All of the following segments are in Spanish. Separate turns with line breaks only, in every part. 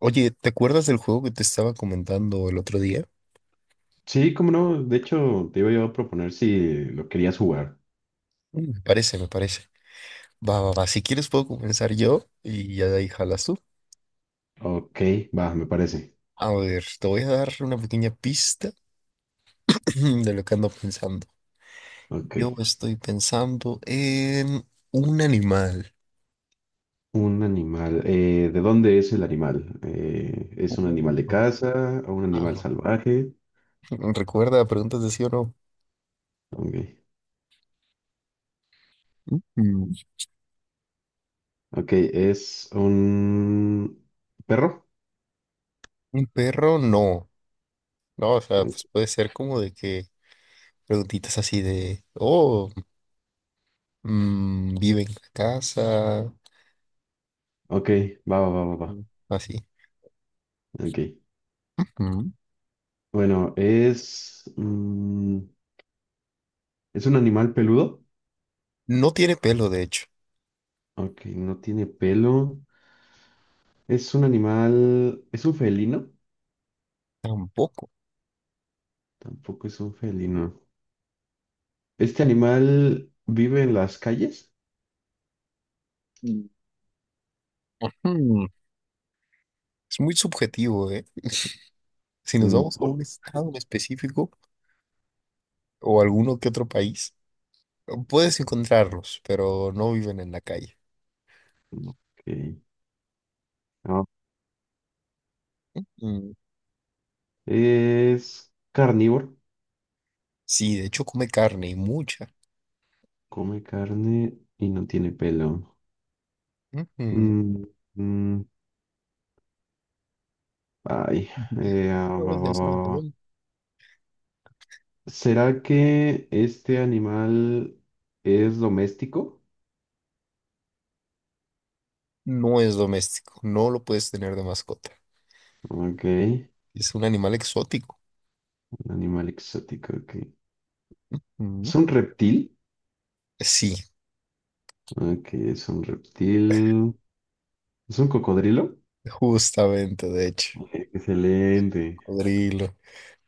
Oye, ¿te acuerdas del juego que te estaba comentando el otro día?
Sí, cómo no. De hecho, te iba yo a proponer si lo querías jugar.
Me parece. Va. Si quieres puedo comenzar yo y ya de ahí jalas tú.
Ok, va, me parece.
A ver, te voy a dar una pequeña pista de lo que ando pensando.
Ok.
Yo estoy pensando en un animal.
Un animal. ¿De dónde es el animal? ¿Es un animal de
Un
casa o un animal
pájaro.
salvaje?
Recuerda, preguntas de sí o no.
Ok.
Mm.
Ok, ¿es un perro?
Un perro, no. No, o sea, pues puede ser como de que preguntitas así de, oh, mm, vive en la casa,
Ok, va, va, va, va, va.
así.
Ok.
Mm.
Bueno, ¿es un animal peludo?
No tiene pelo, de hecho,
Ok, no tiene pelo. ¿Es un animal... ¿Es un felino?
tampoco.
Tampoco es un felino. ¿Este animal vive en las calles?
Mm. Hmm, Es muy subjetivo, ¿eh? Si nos
Mm,
vamos a
¿por?
un estado en específico o alguno que otro país, puedes encontrarlos, pero no viven en la calle.
Mm, ok. Ah,
Mm,
es carnívoro.
sí, de hecho come carne y mucha.
Come carne y no tiene pelo.
Ujú.
Mm, mm, ay.
¿Cómo
Va, va,
ves
va,
al un
va.
pelón?
¿Será que este animal es doméstico?
No es doméstico, no lo puedes tener de mascota.
Ok. Un
Es un animal exótico.
animal exótico. Ok.
Mm.
¿Es un reptil?
Sí,
Ok, es un reptil. ¿Es un cocodrilo?
justamente, de hecho.
Ok, excelente.
Cocodrilo.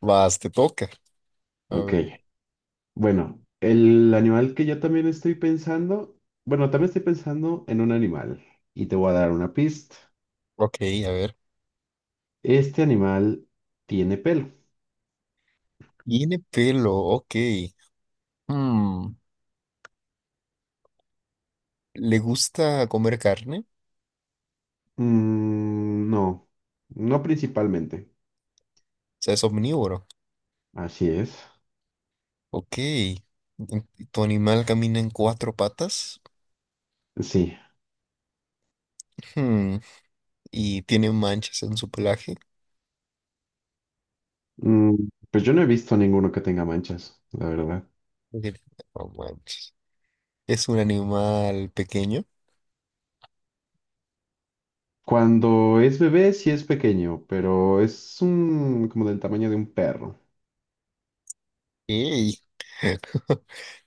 Vas, te toca. A
Ok.
ver,
Bueno, el animal que yo también estoy pensando, bueno, también estoy pensando en un animal y te voy a dar una pista.
ok, a ver.
Este animal tiene pelo.
Tiene pelo, ok. Hmm, ¿Le gusta comer carne? O
No, no principalmente.
sea, es omnívoro.
Así es.
Ok. ¿Tu animal camina en cuatro patas?
Sí.
Hmm, ¿Y tiene manchas en su pelaje?
Mm, pues yo no he visto ninguno que tenga manchas, la verdad.
Ok, no manches. ¿Es un animal pequeño?
Cuando es bebé sí es pequeño, pero como del tamaño de un perro.
Ey,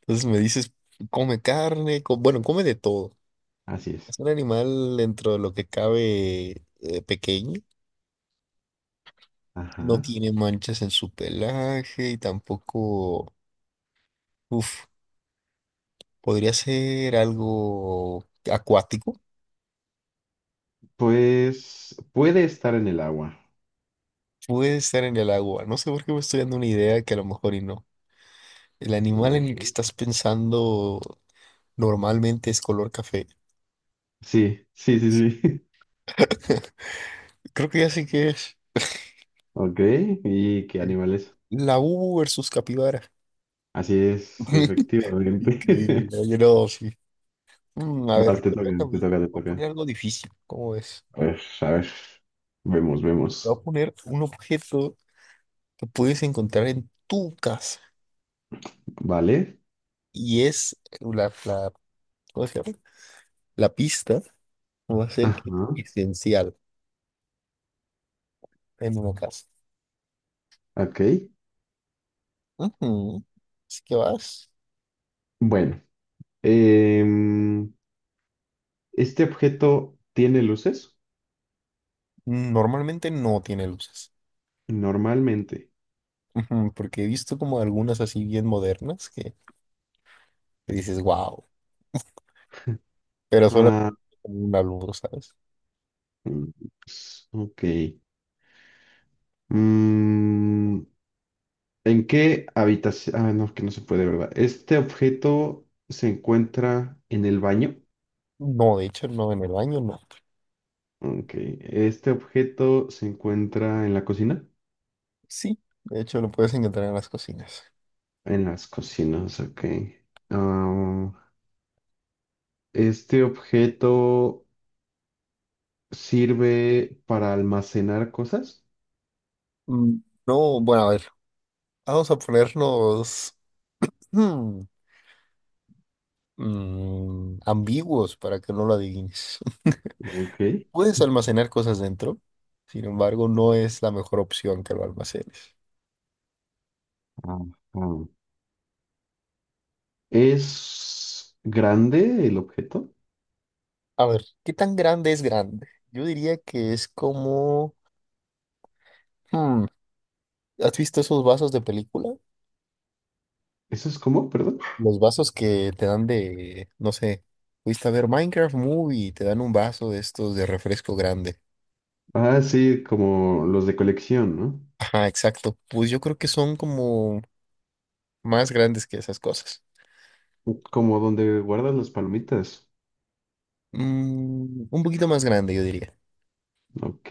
entonces me dices, come carne, bueno, come de todo.
Así es.
Es un animal dentro de lo que cabe pequeño. No
Ajá.
tiene manchas en su pelaje y tampoco... Uf. Podría ser algo acuático.
Pues puede estar en el agua.
Puede estar en el agua. No sé por qué me estoy dando una idea que a lo mejor y no. El animal en el que
Ujú.
estás pensando normalmente es color café.
Sí, sí, sí, sí.
Creo que ya sé qué es.
Ok, ¿y qué animal es?
La U versus capibara.
Así es, efectivamente.
Increíble. Oye, no, sí. Mm, a
Vas,
ver,
te
me
toca,
toca a
te
mí.
toca, te
Voy a
toca.
poner algo difícil. ¿Cómo ves?
A ver, a ver. Vemos,
Voy
vemos.
a poner un objeto que puedes encontrar en tu casa.
Vale.
Y es ¿cómo se llama? La pista va a ser que
Ajá,
es esencial en una casa.
ok.
Ujú. Así que vas.
Bueno, em, ¿este objeto tiene luces?
Mm, normalmente no tiene luces.
Normalmente.
Ujú, porque he visto como algunas así bien modernas que dices, wow, pero solo
Ah,
con una luz, ¿sabes?
mm, ok. Mm, ¿en qué habitación? Ah, no, que no se puede, ¿verdad? ¿Este objeto se encuentra en el baño?
No, de hecho, no, en el baño no.
Ok, este objeto se encuentra en la cocina.
Sí, de hecho lo puedes encontrar en las cocinas.
En las cocinas, ok. Ah, este objeto sirve para almacenar cosas.
Mm, no, bueno, a ver, vamos a ponernos mm, ambiguos para que no lo adivines.
Ok.
Puedes almacenar cosas dentro, sin embargo, no es la mejor opción que lo almacenes.
Ajá. ¿Es grande el objeto?
A ver, ¿qué tan grande es grande? Yo diría que es como... hmm, ¿has visto esos vasos de película?
¿Eso es como, perdón?
Los vasos que te dan de, no sé, fuiste a ver Minecraft Movie y te dan un vaso de estos de refresco grande.
Ah, sí, como los de colección, ¿no?
Ajá, exacto. Pues yo creo que son como más grandes que esas cosas.
Como donde guardas las palomitas.
Mm, un poquito más grande, yo diría.
Ok.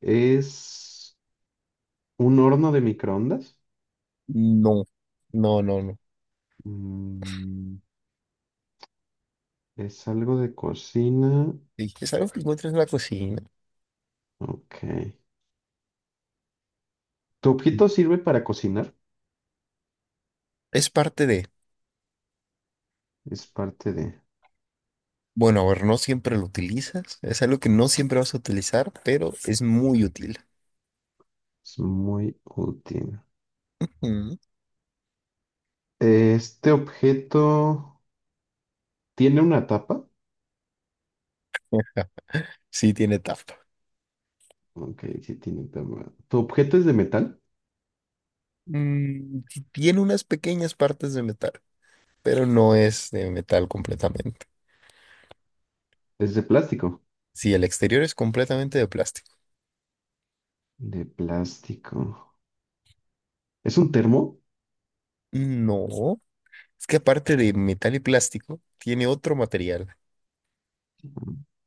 ¿Es un horno de microondas?
No, no.
Mm, Es algo de cocina.
Sí, es algo que encuentras en la cocina.
Ok. ¿Tu objeto sirve para cocinar?
Es parte de...
Es parte de...
Bueno, a ver, no siempre lo utilizas. Es algo que no siempre vas a utilizar, pero es muy útil.
Es muy útil.
Mm.
Este objeto tiene una tapa.
Sí, tiene tapa.
Ok, sí tiene tapa. ¿Tu objeto es de metal?
Mm, sí tiene unas pequeñas partes de metal, pero no es de metal completamente.
Es de plástico.
Sí, el exterior es completamente de plástico.
De plástico. ¿Es un termo?
No, es que aparte de metal y plástico, tiene otro material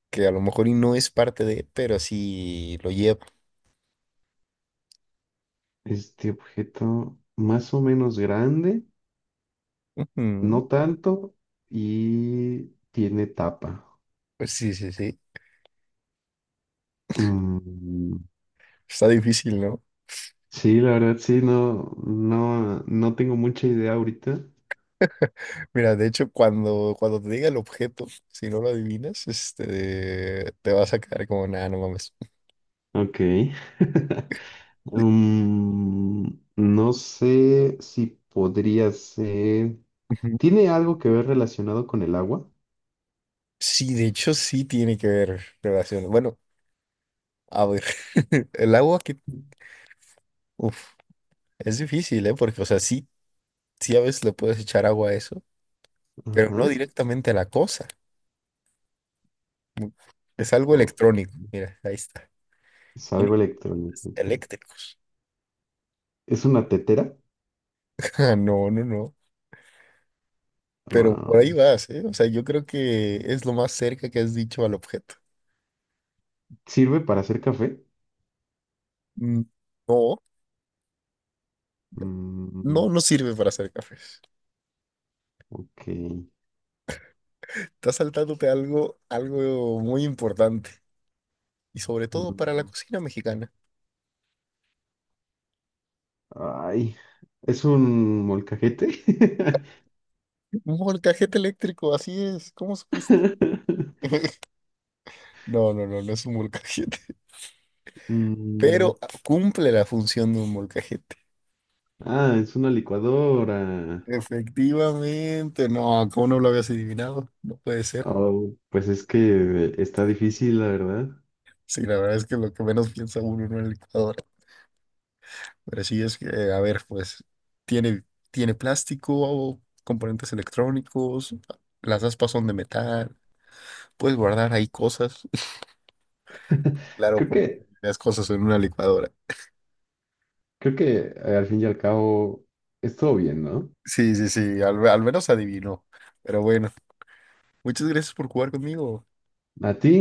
que a lo mejor y no es parte de, pero sí lo lleva.
Este objeto más o menos grande,
Ujú.
no tanto, y tiene tapa.
Pues sí, sí, sí.
Mm,
Está difícil, ¿no?
sí, la verdad sí, no, no, no tengo mucha idea ahorita.
Mira, de hecho, cuando te diga el objeto, si no lo adivinas, este, te vas a quedar como, nada, no mames.
Ok. Mm, no sé si podría ser.
Ujú.
¿Tiene algo que ver relacionado con el agua?
Sí, de hecho, sí tiene que ver relación. Bueno, a ver, el uf, es difícil, ¿eh? Porque, o sea, sí a veces le puedes echar agua a eso, pero no
Ajá.
directamente a la cosa. Mm, Es algo
O
electrónico. Mira, ahí está.
es
Tiene
algo
componentes
electrónico.
eléctricos.
¿Es una tetera?
Ah, no, no, no. Pero por ahí
Am,
vas, ¿eh? O sea, yo creo que es lo más cerca que has dicho al objeto.
¿Sirve para hacer café?
Mm, no. No,
Mm,
no sirve para hacer cafés.
ok.
Estás saltándote algo, algo muy importante. Y sobre todo para la
Mm,
cocina mexicana.
ay, ¿Es un molcajete?
Un molcajete eléctrico, así es. ¿Cómo supiste? No, no, no, no es un molcajete.
Mm,
Pero cumple la función de un molcajete.
ah, es una licuadora.
Efectivamente. No, ¿cómo no lo habías adivinado? No puede ser.
Oh, pues es que está difícil, la verdad.
Sí, la verdad es que lo que menos piensa uno en una licuadora. Pero sí es que, a ver, pues, tiene, tiene plástico, componentes electrónicos, las aspas son de metal. Puedes guardar ahí cosas. Claro,
Creo
porque
que,
las cosas en una licuadora.
creo que al fin y al cabo es todo bien, ¿no?
Sí, sí, sí, al menos adivinó. Pero bueno, muchas gracias por jugar conmigo.
¿A ti?